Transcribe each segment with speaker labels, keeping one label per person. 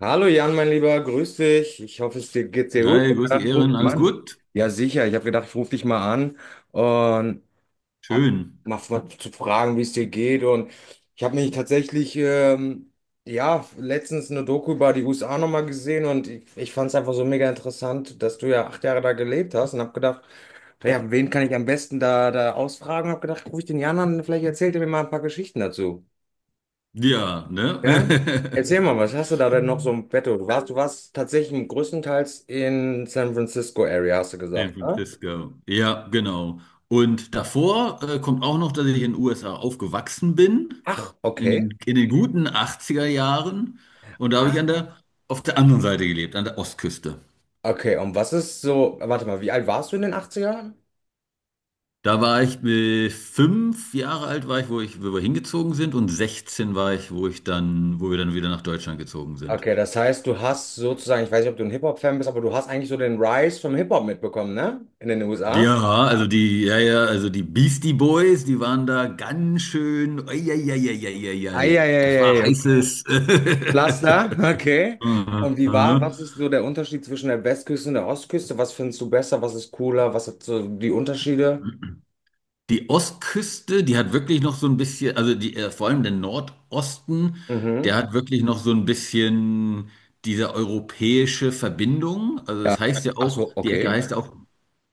Speaker 1: Hallo Jan, mein Lieber, grüß dich. Ich hoffe, es dir geht sehr gut. Ich
Speaker 2: Hi,
Speaker 1: habe
Speaker 2: grüß dich,
Speaker 1: gedacht, ich rufe
Speaker 2: Ehren,
Speaker 1: dich mal
Speaker 2: alles
Speaker 1: an.
Speaker 2: gut?
Speaker 1: Ja, sicher. Ich habe gedacht, ich rufe dich mal an und hab
Speaker 2: Schön.
Speaker 1: zu fragen, wie es dir geht. Und ich habe mich tatsächlich, ja, letztens eine Doku über die USA nochmal gesehen und ich fand es einfach so mega interessant, dass du ja 8 Jahre da gelebt hast und habe gedacht, naja, wen kann ich am besten da ausfragen? Habe gedacht, rufe ich den Jan an, vielleicht erzählt er mir mal ein paar Geschichten dazu.
Speaker 2: Ja, ne?
Speaker 1: Ja? Erzähl mal, was hast du da denn noch so im Petto? Du warst tatsächlich größtenteils in San Francisco Area, hast du
Speaker 2: San
Speaker 1: gesagt, ne?
Speaker 2: Francisco. Ja, genau. Und davor kommt auch noch, dass ich in den USA aufgewachsen bin,
Speaker 1: Ach,
Speaker 2: in
Speaker 1: okay.
Speaker 2: den, in den guten 80er Jahren. Und da habe ich an der, auf der anderen Seite gelebt, an der Ostküste.
Speaker 1: Okay, und was ist so, warte mal, wie alt warst du in den Achtzigern?
Speaker 2: Da war ich mit fünf Jahre alt, war ich, wo wir hingezogen sind, und 16 war ich, wo ich dann, wo wir dann wieder nach Deutschland gezogen sind.
Speaker 1: Okay, das heißt, du hast sozusagen, ich weiß nicht, ob du ein Hip-Hop-Fan bist, aber du hast eigentlich so den Rise vom Hip-Hop mitbekommen, ne? In den USA.
Speaker 2: Ja, also die, ja, ja, also die Beastie Boys, die waren da ganz schön. Ei, ei, ei, ei, ei, ei, ei. Das war
Speaker 1: Eieieiei, okay.
Speaker 2: heißes.
Speaker 1: Laster, okay. Und wie war, was ist so der Unterschied zwischen der Westküste und der Ostküste? Was findest du besser? Was ist cooler? Was hat so die Unterschiede?
Speaker 2: Die Ostküste, die hat wirklich noch so ein bisschen, also die, vor allem der Nordosten, der
Speaker 1: Mhm.
Speaker 2: hat wirklich noch so ein bisschen diese europäische Verbindung. Also
Speaker 1: Ja.
Speaker 2: das heißt ja
Speaker 1: Ach
Speaker 2: auch,
Speaker 1: so,
Speaker 2: die Ecke
Speaker 1: okay.
Speaker 2: heißt ja auch,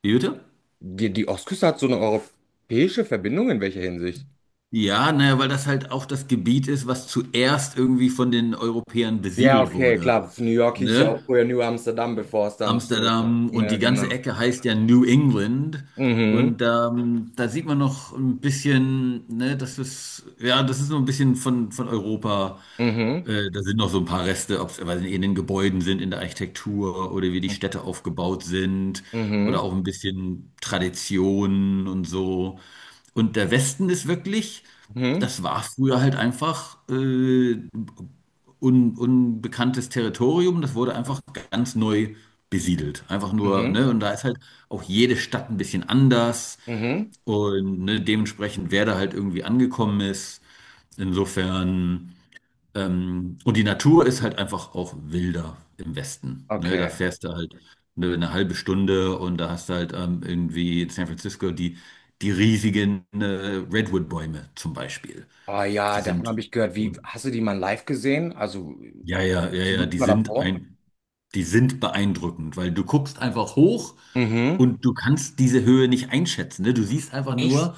Speaker 2: wie bitte?
Speaker 1: Die Ostküste hat so eine europäische Verbindung in welcher Hinsicht?
Speaker 2: Ja, naja, weil das halt auch das Gebiet ist, was zuerst irgendwie von den Europäern
Speaker 1: Ja,
Speaker 2: besiedelt
Speaker 1: okay,
Speaker 2: wurde.
Speaker 1: klar. New York hieß ja
Speaker 2: Ne?
Speaker 1: auch früher New Amsterdam, bevor es dann so.
Speaker 2: Amsterdam und
Speaker 1: Ja,
Speaker 2: die ganze
Speaker 1: genau.
Speaker 2: Ecke heißt ja New England.
Speaker 1: Mhm,
Speaker 2: Und da sieht man noch ein bisschen, ne, das ist, ja, das ist so ein bisschen von Europa.
Speaker 1: mhm,
Speaker 2: Da sind noch so ein paar Reste, ob es weiß nicht, in den Gebäuden sind, in der Architektur oder wie die
Speaker 1: mhm,
Speaker 2: Städte aufgebaut sind
Speaker 1: mhm,
Speaker 2: oder auch ein bisschen Traditionen und so. Und der Westen ist wirklich,
Speaker 1: mhm,
Speaker 2: das war früher halt einfach unbekanntes Territorium, das wurde einfach ganz neu besiedelt. Einfach nur,
Speaker 1: mhm.
Speaker 2: ne, und da ist halt auch jede Stadt ein bisschen anders
Speaker 1: Mhm.
Speaker 2: und ne, dementsprechend, wer da halt irgendwie angekommen ist. Insofern, und die Natur ist halt einfach auch wilder im Westen. Ne? Da
Speaker 1: Okay.
Speaker 2: fährst du halt eine halbe Stunde und da hast du halt irgendwie in San Francisco die, die riesigen Redwood-Bäume zum Beispiel.
Speaker 1: Ah
Speaker 2: Die
Speaker 1: ja, davon
Speaker 2: sind
Speaker 1: habe ich gehört. Wie, hast du die mal live gesehen? Also,
Speaker 2: ja, ja, ja,
Speaker 1: hast du
Speaker 2: ja,
Speaker 1: wirklich
Speaker 2: die
Speaker 1: mal
Speaker 2: sind
Speaker 1: davor?
Speaker 2: die sind beeindruckend, weil du guckst einfach hoch
Speaker 1: Mhm.
Speaker 2: und du kannst diese Höhe nicht einschätzen. Ne? Du siehst einfach
Speaker 1: Echt?
Speaker 2: nur,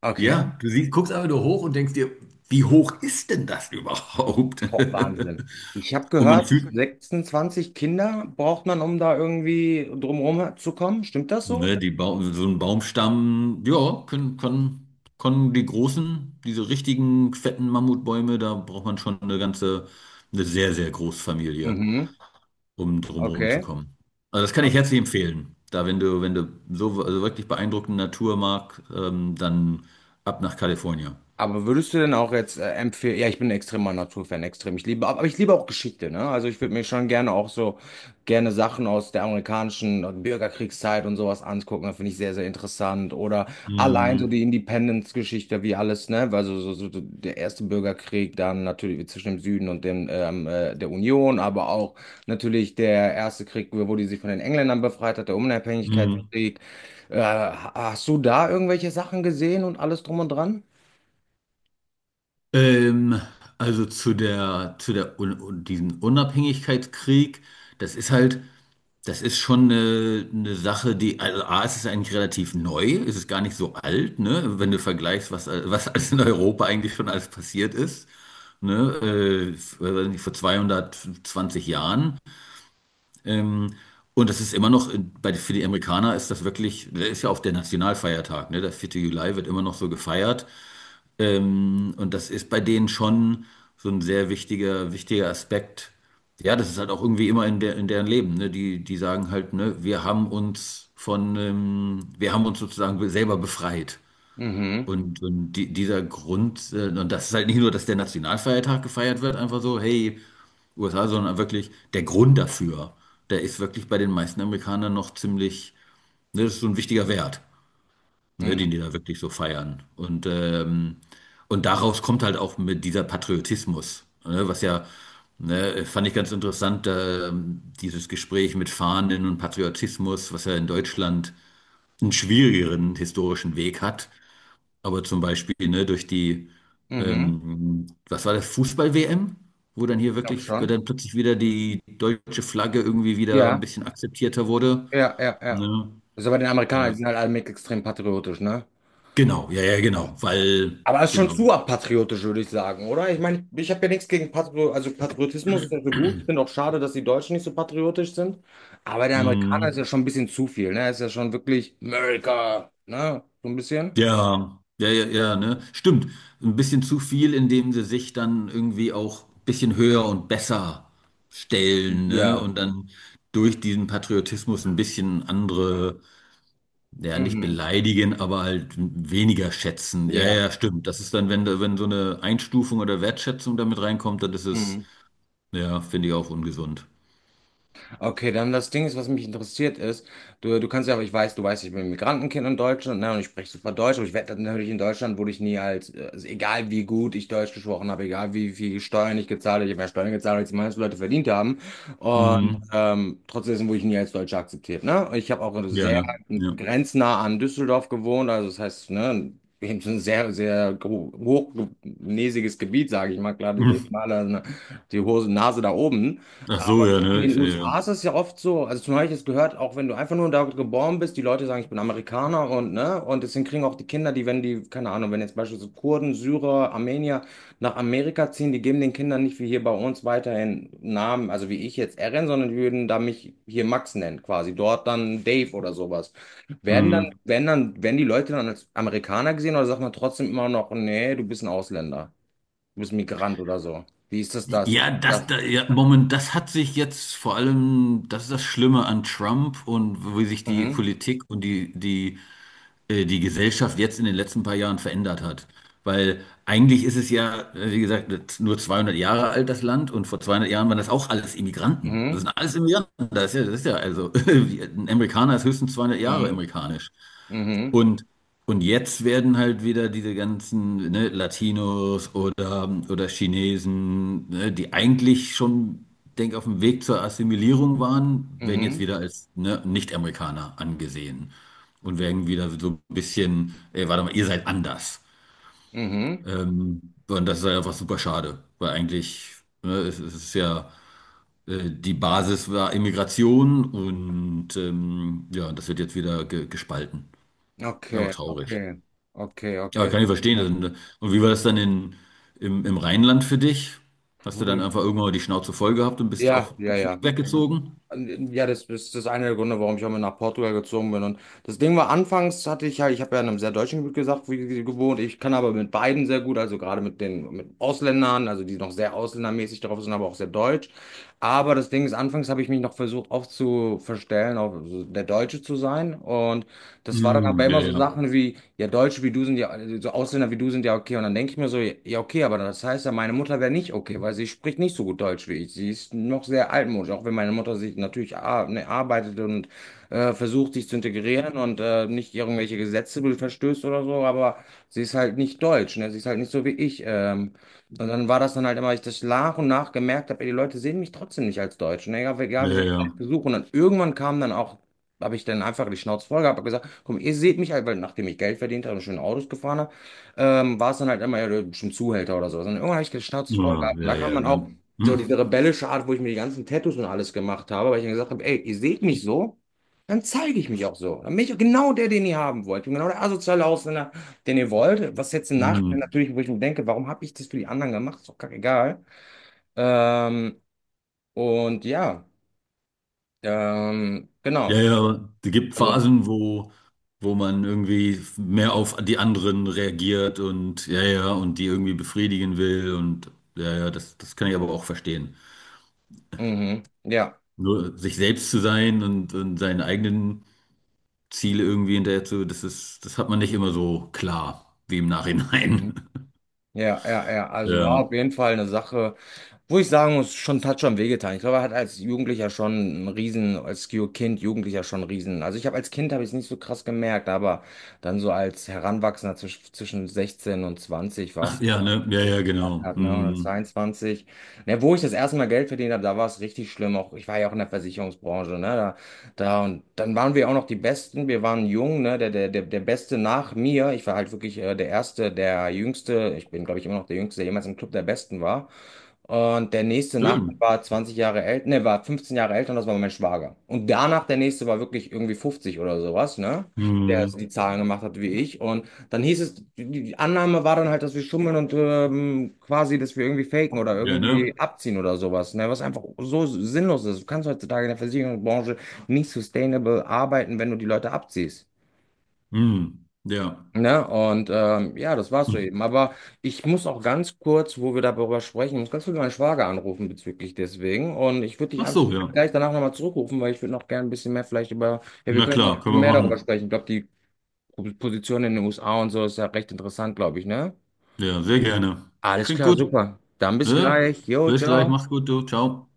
Speaker 1: Okay.
Speaker 2: ja, guckst einfach nur hoch und denkst dir, wie hoch ist denn das überhaupt?
Speaker 1: Boah, Wahnsinn. Ich habe
Speaker 2: Und man
Speaker 1: gehört,
Speaker 2: fühlt,
Speaker 1: 26 Kinder braucht man, um da irgendwie drumherum zu kommen. Stimmt das so?
Speaker 2: ne, so ein Baumstamm, ja, können die großen, diese richtigen fetten Mammutbäume, da braucht man schon eine sehr, sehr große Familie
Speaker 1: Mhm.
Speaker 2: um drumherum zu
Speaker 1: Okay.
Speaker 2: kommen. Also das kann ich herzlich empfehlen. Da, wenn du so also wirklich beeindruckende Natur magst, dann ab nach Kalifornien.
Speaker 1: Aber würdest du denn auch jetzt empfehlen, ja, ich bin ein extremer Naturfan, extrem. Ich liebe, aber ich liebe auch Geschichte, ne? Also ich würde mir schon gerne auch so gerne Sachen aus der amerikanischen Bürgerkriegszeit und sowas angucken. Das finde ich sehr, sehr interessant. Oder allein so
Speaker 2: Mhm.
Speaker 1: die Independence-Geschichte, wie alles, ne? Also so der erste Bürgerkrieg, dann natürlich zwischen dem Süden und dem der Union, aber auch natürlich der erste Krieg, wo die sich von den Engländern befreit hat, der
Speaker 2: Mhm.
Speaker 1: Unabhängigkeitskrieg. Hast du da irgendwelche Sachen gesehen und alles drum und dran?
Speaker 2: Ähm, also zu der, diesen Unabhängigkeitskrieg, das ist halt, das ist schon eine Sache, die, also A, es ist eigentlich relativ neu, es ist gar nicht so alt, ne, wenn du vergleichst, was, was alles in Europa eigentlich schon alles passiert ist, ne, weiß nicht, vor 220 Jahren. Ähm, und das ist immer noch, bei, für die Amerikaner ist das wirklich, das ist ja auch der Nationalfeiertag, ne? Der 4. Juli wird immer noch so gefeiert. Und das ist bei denen schon so ein sehr wichtiger, wichtiger Aspekt. Ja, das ist halt auch irgendwie immer in, der, in deren Leben, ne? Die, die sagen halt, ne, wir haben uns von, wir haben uns sozusagen selber befreit.
Speaker 1: Mhm,
Speaker 2: Und die, dieser Grund, und das ist halt nicht nur, dass der Nationalfeiertag gefeiert wird, einfach so, hey, USA, sondern wirklich der Grund dafür. Der ist wirklich bei den meisten Amerikanern noch ziemlich, ne, das ist so ein wichtiger Wert, ne,
Speaker 1: mhm,
Speaker 2: den die da wirklich so feiern. Und daraus kommt halt auch mit dieser Patriotismus, ne, was ja, ne, fand ich ganz interessant, dieses Gespräch mit Fahnen und Patriotismus, was ja in Deutschland einen schwierigeren historischen Weg hat. Aber zum Beispiel, ne, durch die,
Speaker 1: mhm.
Speaker 2: was war das, Fußball-WM, wo dann hier
Speaker 1: Ich glaube
Speaker 2: wirklich, wo dann
Speaker 1: schon.
Speaker 2: plötzlich wieder die deutsche Flagge irgendwie wieder ein
Speaker 1: Ja,
Speaker 2: bisschen akzeptierter wurde.
Speaker 1: ja, ja, ja.
Speaker 2: Ne?
Speaker 1: Also bei den Amerikanern, die
Speaker 2: Ja.
Speaker 1: sind halt alle mit extrem patriotisch, ne?
Speaker 2: Genau, ja, ja,
Speaker 1: Ja.
Speaker 2: genau, weil,
Speaker 1: Aber es ist schon
Speaker 2: genau.
Speaker 1: zu patriotisch, würde ich sagen, oder? Ich meine, ich habe ja nichts gegen Patri, also Patriotismus ist ja so gut. Ich finde auch schade, dass die Deutschen nicht so patriotisch sind. Aber der Amerikaner ist
Speaker 2: Mhm.
Speaker 1: ja schon ein bisschen zu viel, ne? Ist ja schon wirklich America, ne? So ein bisschen.
Speaker 2: Ja, ja, ja, ja, ne? Stimmt. Ein bisschen zu viel, indem sie sich dann irgendwie auch ein bisschen höher und besser stellen, ne?
Speaker 1: Ja.
Speaker 2: Und dann durch diesen Patriotismus ein bisschen andere. Ja, nicht
Speaker 1: Mhm.
Speaker 2: beleidigen, aber halt weniger schätzen. Ja,
Speaker 1: Ja.
Speaker 2: ja, stimmt. Das ist dann, wenn, wenn so eine Einstufung oder Wertschätzung damit reinkommt, dann ist es,
Speaker 1: Mhm.
Speaker 2: ja, finde ich auch ungesund.
Speaker 1: Okay, dann das Ding ist, was mich interessiert ist, du kannst ja, aber ich weiß, du weißt, ich bin ein Migrantenkind in Deutschland, ne, und ich spreche super Deutsch, aber ich werde natürlich in Deutschland, wurde ich nie als, also egal wie gut ich Deutsch gesprochen habe, egal wie viel Steuern ich gezahlt habe, ich habe mehr Steuern gezahlt, als die meisten Leute verdient haben, und
Speaker 2: Mhm.
Speaker 1: trotzdem wurde ich nie als Deutscher akzeptiert, ne, und ich habe auch
Speaker 2: Ja,
Speaker 1: sehr
Speaker 2: ne? Ja.
Speaker 1: grenznah an Düsseldorf gewohnt, also das heißt, ne, eben so ein sehr, sehr hochnäsiges Gebiet, sage ich mal, klar,
Speaker 2: Mhm.
Speaker 1: die Hose, Nase da oben,
Speaker 2: Ach so, ja,
Speaker 1: in
Speaker 2: ne? Ich,
Speaker 1: den
Speaker 2: ja.
Speaker 1: USA ist es ja oft so, also zum Beispiel, ich es gehört, auch wenn du einfach nur da geboren bist, die Leute sagen, ich bin Amerikaner und ne, und deswegen kriegen auch die Kinder, die, wenn die, keine Ahnung, wenn jetzt beispielsweise Kurden, Syrer, Armenier nach Amerika ziehen, die geben den Kindern nicht wie hier bei uns weiterhin Namen, also wie ich jetzt Eren, sondern die würden da mich hier Max nennen, quasi, dort dann Dave oder sowas. Werden dann,
Speaker 2: Mhm.
Speaker 1: werden dann, werden die Leute dann als Amerikaner gesehen oder sagt man trotzdem immer noch, nee, du bist ein Ausländer, du bist Migrant oder so? Wie ist das?
Speaker 2: Ja, das,
Speaker 1: Das.
Speaker 2: da, ja, Moment, das hat sich jetzt vor allem, das ist das Schlimme an Trump und wie sich die
Speaker 1: Mhm.
Speaker 2: Politik und die, die die Gesellschaft jetzt in den letzten paar Jahren verändert hat. Weil eigentlich ist es ja, wie gesagt, nur 200 Jahre alt, das Land, und vor 200 Jahren waren das auch alles Immigranten. Das
Speaker 1: Mhm.
Speaker 2: sind alles Immigranten. Das ist ja also, ein Amerikaner ist höchstens 200 Jahre
Speaker 1: Mhm.
Speaker 2: amerikanisch.
Speaker 1: Mhm.
Speaker 2: Und, und jetzt werden halt wieder diese ganzen, ne, Latinos oder Chinesen, ne, die eigentlich schon, denk, auf dem Weg zur Assimilierung waren, werden jetzt
Speaker 1: Mhm.
Speaker 2: wieder als, ne, Nicht-Amerikaner angesehen. Und werden wieder so ein bisschen, ey, warte mal, ihr seid anders.
Speaker 1: Mhm.
Speaker 2: Und das ist halt einfach super schade, weil eigentlich, ne, es ist ja, die Basis war Immigration und ja, das wird jetzt wieder ge gespalten. Aber
Speaker 1: Okay,
Speaker 2: traurig.
Speaker 1: okay. Okay,
Speaker 2: Ja,
Speaker 1: okay.
Speaker 2: kann ich verstehen.
Speaker 1: Ja,
Speaker 2: Und wie war das dann in, im, im Rheinland für dich? Hast du dann
Speaker 1: Hm.
Speaker 2: einfach irgendwann mal die Schnauze voll gehabt und bist
Speaker 1: ja,
Speaker 2: auch
Speaker 1: ja.
Speaker 2: deswegen
Speaker 1: ja. Also,
Speaker 2: weggezogen?
Speaker 1: ja, das ist das eine der Gründe, warum ich auch mal nach Portugal gezogen bin. Und das Ding war, anfangs hatte ich ja, ich habe ja in einem sehr deutschen Gebiet gesagt, wie, gewohnt. Ich kann aber mit beiden sehr gut, also gerade mit den mit Ausländern, also die noch sehr ausländermäßig drauf sind, aber auch sehr deutsch. Aber das Ding ist, anfangs habe ich mich noch versucht aufzuverstellen, auf so der Deutsche zu sein. Und das war dann aber
Speaker 2: Hm, ja,
Speaker 1: immer so
Speaker 2: ja.
Speaker 1: Sachen wie, ja, Deutsche wie du sind ja, so Ausländer wie du sind ja okay. Und dann denke ich mir so, ja, okay, aber das heißt ja, meine Mutter wäre nicht okay, weil sie spricht nicht so gut Deutsch wie ich. Sie ist noch sehr altmodisch, auch wenn meine Mutter sich natürlich ar ne, arbeitet und versucht, sich zu integrieren und nicht irgendwelche Gesetze verstößt oder so, aber sie ist halt nicht deutsch, ne? Sie ist halt nicht so wie ich. Und dann war das dann halt immer, ich das nach und nach gemerkt habe, ey, die Leute sehen mich trotzdem nicht als Deutsch. Ne? Egal wie
Speaker 2: Ja,
Speaker 1: sehr ich es
Speaker 2: ja.
Speaker 1: versuche. Und dann irgendwann kam dann auch habe ich dann einfach die Schnauze voll gehabt, habe gesagt, komm, ihr seht mich halt, weil nachdem ich Geld verdient habe und schöne Autos gefahren habe, war es dann halt immer ja, schon Zuhälter oder so. Und irgendwann habe ich die Schnauze voll
Speaker 2: Ja,
Speaker 1: gehabt und da
Speaker 2: ja,
Speaker 1: kam
Speaker 2: ja,
Speaker 1: dann
Speaker 2: ne?
Speaker 1: auch so
Speaker 2: Hm,
Speaker 1: diese rebellische Art, wo ich mir die ganzen Tattoos und alles gemacht habe, weil ich dann gesagt habe, ey, ihr seht mich so, dann zeige ich mich auch so. Dann bin ich auch genau der, den ihr haben wollt. Ich bin genau der asoziale Ausländer, den ihr wollt. Was jetzt im Nachhinein
Speaker 2: hm.
Speaker 1: natürlich, wo ich mir denke, warum habe ich das für die anderen gemacht? Ist doch kackegal. Ähm, und ja,
Speaker 2: Ja,
Speaker 1: genau.
Speaker 2: ja, aber es gibt
Speaker 1: Also,
Speaker 2: Phasen, wo, wo man irgendwie mehr auf die anderen reagiert und ja, ja, und die irgendwie befriedigen will und ja, ja, das, das kann ich aber auch verstehen.
Speaker 1: mhm, ja.
Speaker 2: Nur sich selbst zu sein und seinen eigenen Ziele irgendwie hinterher zu, das ist, das hat man nicht immer so klar wie im Nachhinein.
Speaker 1: Mhm. Ja, ja, ja. Also war
Speaker 2: Ja,
Speaker 1: auf jeden Fall eine Sache, wo ich sagen muss, schon hat schon wehgetan. Ich glaube, er hat als Jugendlicher schon einen Riesen, als Kind, Jugendlicher schon einen Riesen. Also ich habe als Kind habe ich es nicht so krass gemerkt, aber dann so als Heranwachsender zwischen 16 und 20 war
Speaker 2: ach
Speaker 1: es, wo
Speaker 2: ja, ne,
Speaker 1: ich
Speaker 2: ja, ja,
Speaker 1: gemerkt
Speaker 2: genau.
Speaker 1: hab, ne, oder
Speaker 2: Hm.
Speaker 1: 22. Ne, wo ich das erste Mal Geld verdient habe, da war es richtig schlimm. Auch ich war ja auch in der Versicherungsbranche, ne? Da und dann waren wir auch noch die Besten. Wir waren jung, ne? Der Beste nach mir. Ich war halt wirklich der Erste, der Jüngste. Ich bin, glaube ich, immer noch der Jüngste, der jemals im Club der Besten war. Und der nächste nach mir
Speaker 2: Schön.
Speaker 1: war 20 Jahre älter, ne, war 15 Jahre älter und das war mein Schwager. Und danach der nächste war wirklich irgendwie 50 oder sowas, ne? Der
Speaker 2: Hm.
Speaker 1: die Zahlen gemacht hat wie ich. Und dann hieß es, die Annahme war dann halt, dass wir schummeln und quasi, dass wir irgendwie faken oder
Speaker 2: Ja, ne?
Speaker 1: irgendwie abziehen oder sowas, ne? Was einfach so sinnlos ist. Du kannst heutzutage in der Versicherungsbranche nicht sustainable arbeiten, wenn du die Leute abziehst.
Speaker 2: Hm. Ja.
Speaker 1: Ne? Und ja, das war's so
Speaker 2: Hm.
Speaker 1: eben. Aber ich muss auch ganz kurz, wo wir darüber sprechen, ich muss ganz kurz meinen Schwager anrufen bezüglich deswegen. Und ich würde dich
Speaker 2: Ach
Speaker 1: einfach
Speaker 2: so, ja.
Speaker 1: gleich danach nochmal zurückrufen, weil ich würde noch gerne ein bisschen mehr vielleicht über, ja, wir
Speaker 2: Na
Speaker 1: können noch
Speaker 2: klar, können wir
Speaker 1: mehr darüber
Speaker 2: machen.
Speaker 1: sprechen. Ich glaube, die Position in den USA und so ist ja recht interessant, glaube ich, ne?
Speaker 2: Ja, sehr gerne.
Speaker 1: Alles
Speaker 2: Klingt
Speaker 1: klar,
Speaker 2: gut.
Speaker 1: super. Dann bis
Speaker 2: Ne?
Speaker 1: gleich. Jo,
Speaker 2: Bis gleich,
Speaker 1: ciao.
Speaker 2: mach's gut, du. Ciao.